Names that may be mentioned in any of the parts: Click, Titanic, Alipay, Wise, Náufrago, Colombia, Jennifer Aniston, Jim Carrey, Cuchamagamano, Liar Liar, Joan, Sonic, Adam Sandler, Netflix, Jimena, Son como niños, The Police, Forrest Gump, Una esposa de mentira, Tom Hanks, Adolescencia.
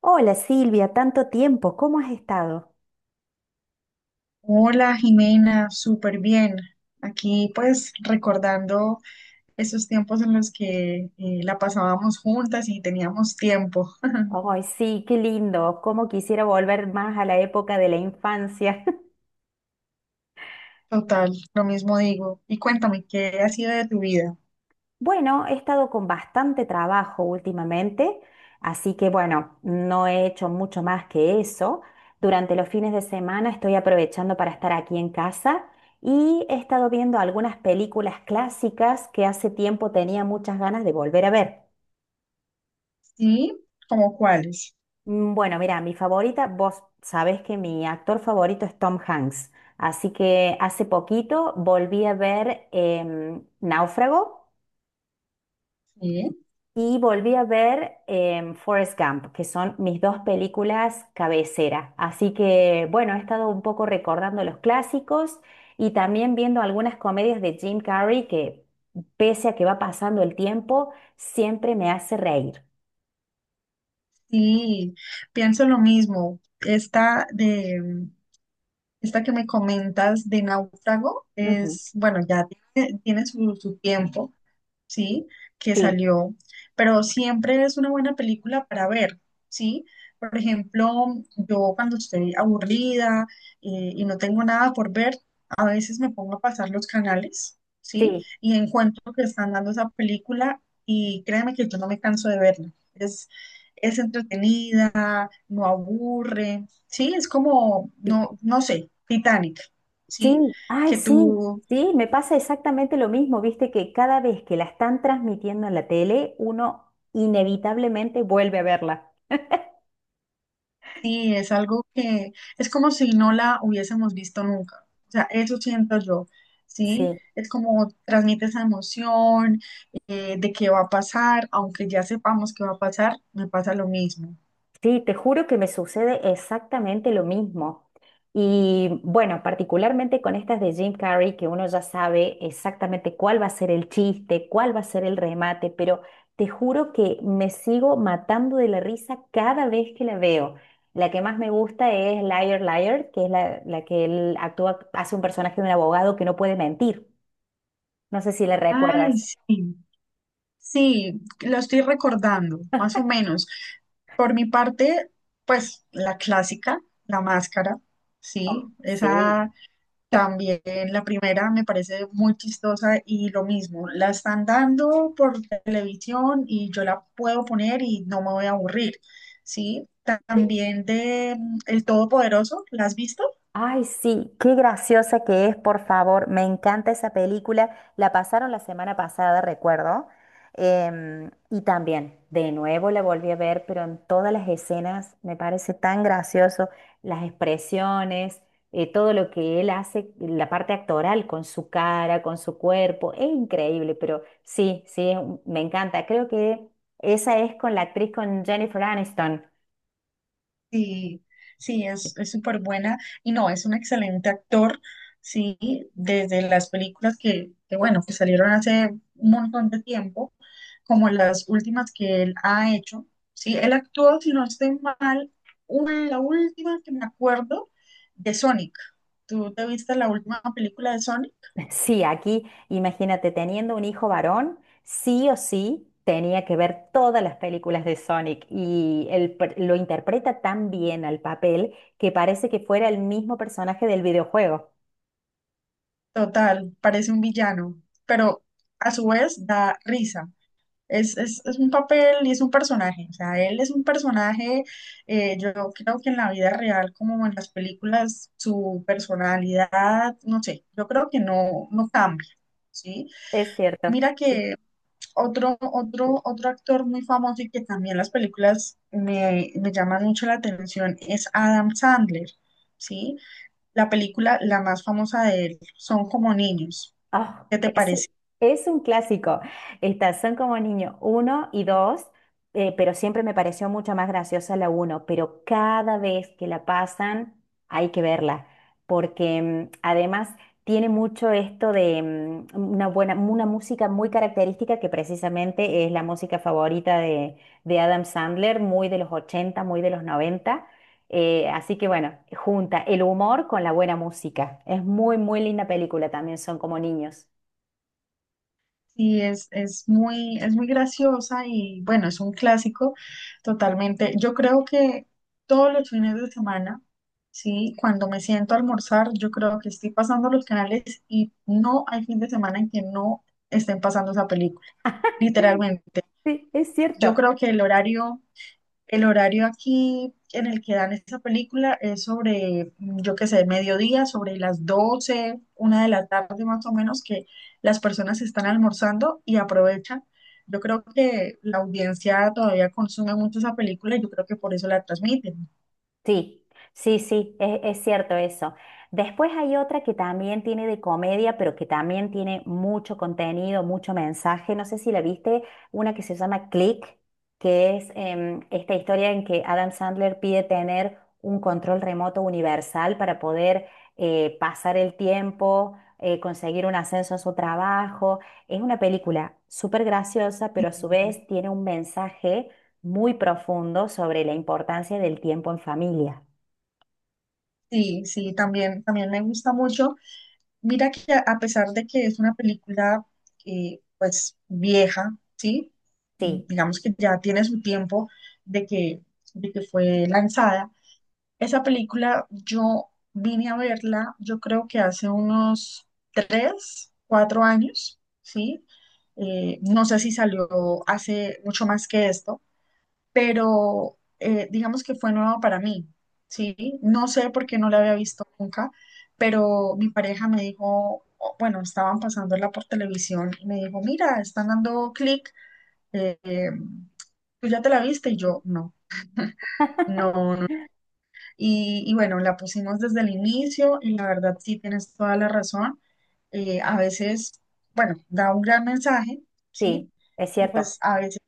Hola Silvia, tanto tiempo, ¿cómo has estado? Hola Jimena, súper bien. Aquí pues recordando esos tiempos en los que la pasábamos juntas y teníamos tiempo. Ay, sí, qué lindo. Cómo quisiera volver más a la época de la infancia. Total, lo mismo digo. Y cuéntame, ¿qué ha sido de tu vida? Bueno, he estado con bastante trabajo últimamente, así que bueno, no he hecho mucho más que eso. Durante los fines de semana estoy aprovechando para estar aquí en casa y he estado viendo algunas películas clásicas que hace tiempo tenía muchas ganas de volver a ver. Sí, ¿como cuáles? Bueno, mira, mi favorita, vos sabés que mi actor favorito es Tom Hanks, así que hace poquito volví a ver Náufrago Sí, y volví a ver Forrest Gump, que son mis dos películas cabecera. Así que, bueno, he estado un poco recordando los clásicos y también viendo algunas comedias de Jim Carrey que, pese a que va pasando el tiempo, siempre me hace reír. sí, pienso lo mismo. Esta que me comentas de Náufrago Ujú. es, bueno, ya tiene su tiempo. ¿Sí? Que Sí, salió, pero siempre es una buena película para ver, ¿sí? Por ejemplo, yo cuando estoy aburrida y no tengo nada por ver, a veces me pongo a pasar los canales, ¿sí? sí. Y encuentro que están dando esa película y créeme que yo no me canso de verla. Es entretenida, no aburre, ¿sí? Es como, no, no sé, Titanic, ¿sí? Sí, ay, Que sí, tú sí, me pasa exactamente lo mismo, viste que cada vez que la están transmitiendo en la tele, uno inevitablemente vuelve a verla. Sí, es algo que es como si no la hubiésemos visto nunca. O sea, eso siento yo, ¿sí? Sí, Es como transmite esa emoción de qué va a pasar, aunque ya sepamos qué va a pasar, me pasa lo mismo. sí, te juro que me sucede exactamente lo mismo. Y bueno, particularmente con estas de Jim Carrey, que uno ya sabe exactamente cuál va a ser el chiste, cuál va a ser el remate, pero te juro que me sigo matando de la risa cada vez que la veo. La que más me gusta es Liar Liar, que es la que él actúa, hace un personaje de un abogado que no puede mentir. No sé si la recuerdas. Ay, sí, sí, lo estoy recordando, más o menos. Por mi parte, pues la clásica, La Máscara, ¿sí? Sí. Esa también, la primera me parece muy chistosa y lo mismo, la están dando por televisión y yo la puedo poner y no me voy a aburrir, ¿sí? Sí. También de El Todopoderoso, ¿la has visto? Ay, sí, qué graciosa que es, por favor. Me encanta esa película. La pasaron la semana pasada, recuerdo. Y también, de nuevo la volví a ver, pero en todas las escenas me parece tan gracioso. Las expresiones, todo lo que él hace, la parte actoral con su cara, con su cuerpo, es increíble, pero sí, sí, me encanta. Creo que esa es con la actriz, con Jennifer Aniston. Sí, sí, es súper buena y no, es un excelente actor, sí, desde las películas que, bueno, que salieron hace un montón de tiempo, como las últimas que él ha hecho, sí, él actuó, si no estoy mal, la última que me acuerdo de Sonic. ¿Tú te viste la última película de Sonic? Sí, aquí, imagínate, teniendo un hijo varón, sí o sí tenía que ver todas las películas de Sonic y lo interpreta tan bien al papel que parece que fuera el mismo personaje del videojuego. Total, parece un villano, pero a su vez da risa. Es un papel y es un personaje, o sea, él es un personaje, yo creo que en la vida real como en las películas, su personalidad, no sé, yo creo que no, no cambia, ¿sí? Es cierto. Mira que otro actor muy famoso y que también las películas me llaman mucho la atención es Adam Sandler, ¿sí? La película, la más famosa de él, Son Como Niños. Ah, ¿Qué te es, parece? es un clásico. Estas son como niño uno y dos, pero siempre me pareció mucho más graciosa la uno, pero cada vez que la pasan hay que verla, porque además tiene mucho esto de una buena, una música muy característica que precisamente es la música favorita de Adam Sandler, muy de los 80, muy de los 90. Así que bueno, junta el humor con la buena música. Es muy, muy linda película también, son como niños. Sí, es muy graciosa y bueno, es un clásico totalmente. Yo creo que todos los fines de semana, sí, cuando me siento a almorzar, yo creo que estoy pasando los canales y no hay fin de semana en que no estén pasando esa película, literalmente. Sí, es Yo cierto. creo que el horario aquí en el que dan esta película es sobre, yo qué sé, mediodía, sobre las 12, una de la tarde más o menos, que las personas están almorzando y aprovechan. Yo creo que la audiencia todavía consume mucho esa película y yo creo que por eso la transmiten. Sí, sí, sí, es cierto eso. Después hay otra que también tiene de comedia, pero que también tiene mucho contenido, mucho mensaje. No sé si la viste, una que se llama Click, que es esta historia en que Adam Sandler pide tener un control remoto universal para poder pasar el tiempo, conseguir un ascenso en su trabajo. Es una película súper graciosa, Sí. pero a su vez tiene un mensaje muy profundo sobre la importancia del tiempo en familia. Sí, sí, también, también me gusta mucho. Mira que a pesar de que es una película pues vieja, ¿sí? Sí, Digamos que ya tiene su tiempo de que, de que fue lanzada. Esa película yo vine a verla, yo creo que hace unos tres, cuatro años, ¿sí? No sé si salió hace mucho más que esto, pero digamos que fue nuevo para mí, ¿sí? No sé por qué no la había visto nunca, pero mi pareja me dijo, bueno, estaban pasándola por televisión y me dijo, mira, están dando Clic, eh, eh, tú ya te la viste y yo no. No, no. Y bueno, la pusimos desde el inicio y la verdad sí tienes toda la razón. A veces, bueno, da un gran mensaje, sí, ¿sí? es Y cierto. pues a veces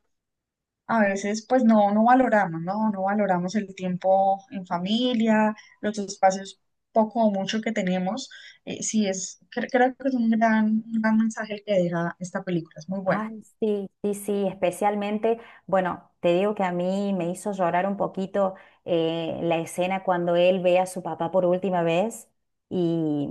pues no, no valoramos, ¿no? No valoramos el tiempo en familia, los espacios poco o mucho que tenemos. Sí, es, creo que es un gran mensaje el que deja esta película, es muy buena. Ay, sí, sí, sí, especialmente, bueno, te digo que a mí me hizo llorar un poquito la escena cuando él ve a su papá por última vez y,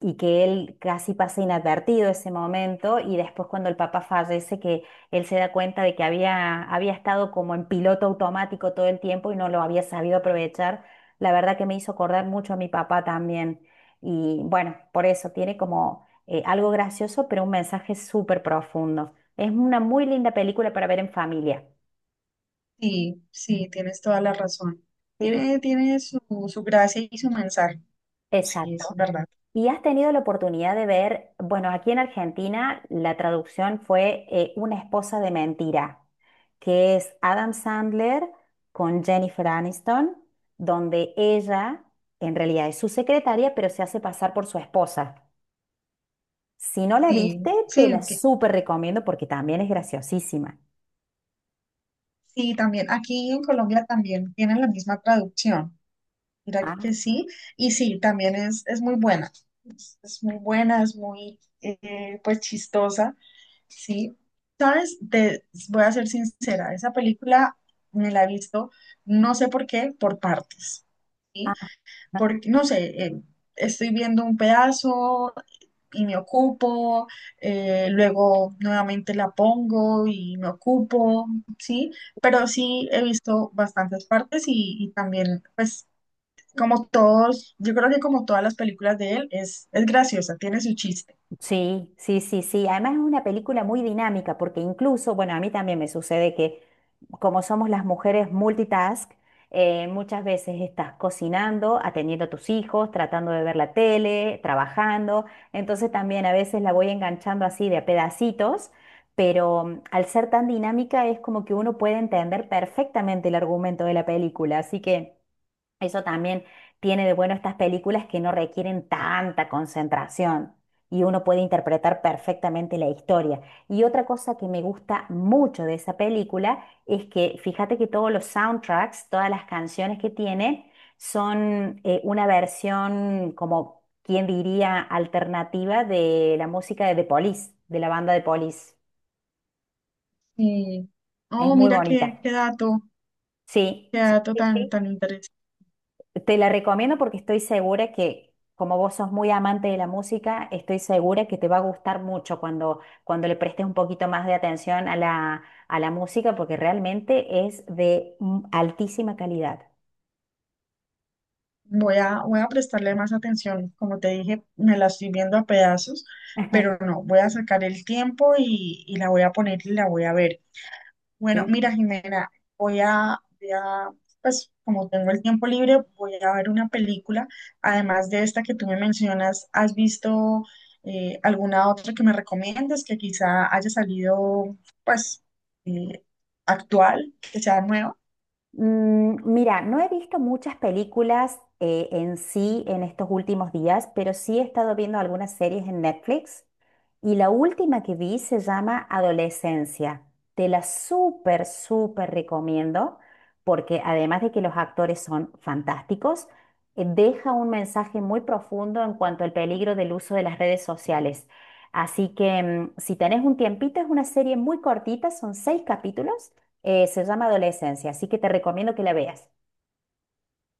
y que él casi pasa inadvertido ese momento y después cuando el papá fallece que él se da cuenta de que había estado como en piloto automático todo el tiempo y no lo había sabido aprovechar, la verdad que me hizo acordar mucho a mi papá también y bueno, por eso tiene como algo gracioso, pero un mensaje súper profundo. Es una muy linda película para ver en familia. Sí, sí, tienes toda la razón. Sí, Tiene, tiene su, su gracia y su mensaje. Sí, es exacto. verdad. ¿Y has tenido la oportunidad de ver, bueno, aquí en Argentina la traducción fue Una esposa de mentira, que es Adam Sandler con Jennifer Aniston, donde ella en realidad es su secretaria, pero se hace pasar por su esposa. Si no la Sí, viste, te la sí, súper recomiendo porque también es graciosísima. sí, también. Aquí en Colombia también tienen la misma traducción. Mira Ah, que sí, y sí, también es muy buena, es muy buena, es muy, pues, chistosa, sí. ¿Sabes? Te voy a ser sincera, esa película me la he visto, no sé por qué, por partes, ¿sí? ah. Porque, no sé, estoy viendo un pedazo y me ocupo, luego nuevamente la pongo y me ocupo, ¿sí? Pero sí he visto bastantes partes y también, pues, como todos, yo creo que como todas las películas de él, es graciosa, tiene su chiste. Sí, sí, sí, sí. Además es una película muy dinámica porque incluso, bueno, a mí también me sucede que como somos las mujeres multitask, muchas veces estás cocinando, atendiendo a tus hijos, tratando de ver la tele, trabajando. Entonces también a veces la voy enganchando así de a pedacitos, pero al ser tan dinámica es como que uno puede entender perfectamente el argumento de la película. Así que... Eso también tiene de bueno estas películas que no requieren tanta concentración y uno puede interpretar perfectamente la historia. Y otra cosa que me gusta mucho de esa película es que fíjate que todos los soundtracks, todas las canciones que tiene son una versión como, ¿quien diría?, alternativa de la música de The Police, de la banda de Police. Y, Es oh, muy mira qué, bonita. Sí, qué sí, dato sí, tan, sí. tan interesante. Te la recomiendo porque estoy segura que, como vos sos muy amante de la música, estoy segura que te va a gustar mucho cuando le prestes un poquito más de atención a a la música, porque realmente es de altísima calidad. Voy a prestarle más atención. Como te dije, me la estoy viendo a pedazos, pero no, voy a sacar el tiempo y la voy a poner y la voy a ver. Bueno, ¿Sí? mira, Jimena, voy a, voy a, pues como tengo el tiempo libre, voy a ver una película. Además de esta que tú me mencionas, ¿has visto alguna otra que me recomiendes que quizá haya salido, pues, eh, actual, que sea nueva? Mira, no he visto muchas películas en sí en estos últimos días, pero sí he estado viendo algunas series en Netflix. Y la última que vi se llama Adolescencia. Te la súper, súper recomiendo porque además de que los actores son fantásticos, deja un mensaje muy profundo en cuanto al peligro del uso de las redes sociales. Así que si tenés un tiempito, es una serie muy cortita, son 6 capítulos, se llama Adolescencia, así que te recomiendo que la veas.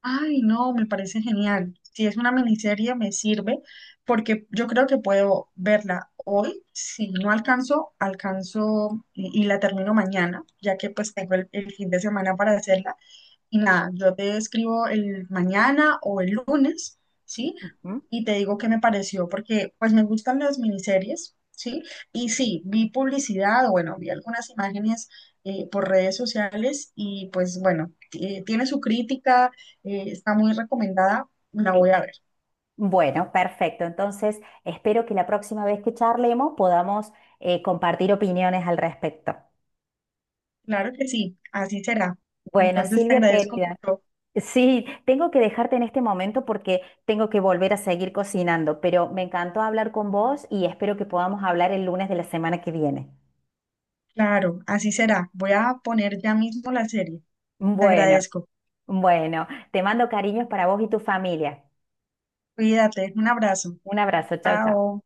Ay, no, me parece genial. Si es una miniserie, me sirve porque yo creo que puedo verla hoy. Si no alcanzo, alcanzo y la termino mañana, ya que pues tengo el fin de semana para hacerla. Y nada, yo te escribo el mañana o el lunes, ¿sí? Ujú. Y te digo qué me pareció, porque pues me gustan las miniseries, ¿sí? Y sí, vi publicidad, bueno, vi algunas imágenes por redes sociales y pues bueno, tiene su crítica, está muy recomendada, la Sí. voy a ver. Bueno, perfecto. Entonces, espero que la próxima vez que charlemos podamos compartir opiniones al respecto. Claro que sí, así será. Bueno, Entonces te Silvia agradezco querida, mucho. sí, tengo que dejarte en este momento porque tengo que volver a seguir cocinando, pero me encantó hablar con vos y espero que podamos hablar el lunes de la semana que viene. Claro, así será. Voy a poner ya mismo la serie. Te Bueno, agradezco. bueno, te mando cariños para vos y tu familia. Cuídate, un abrazo. Un abrazo, chao, chao. Chao.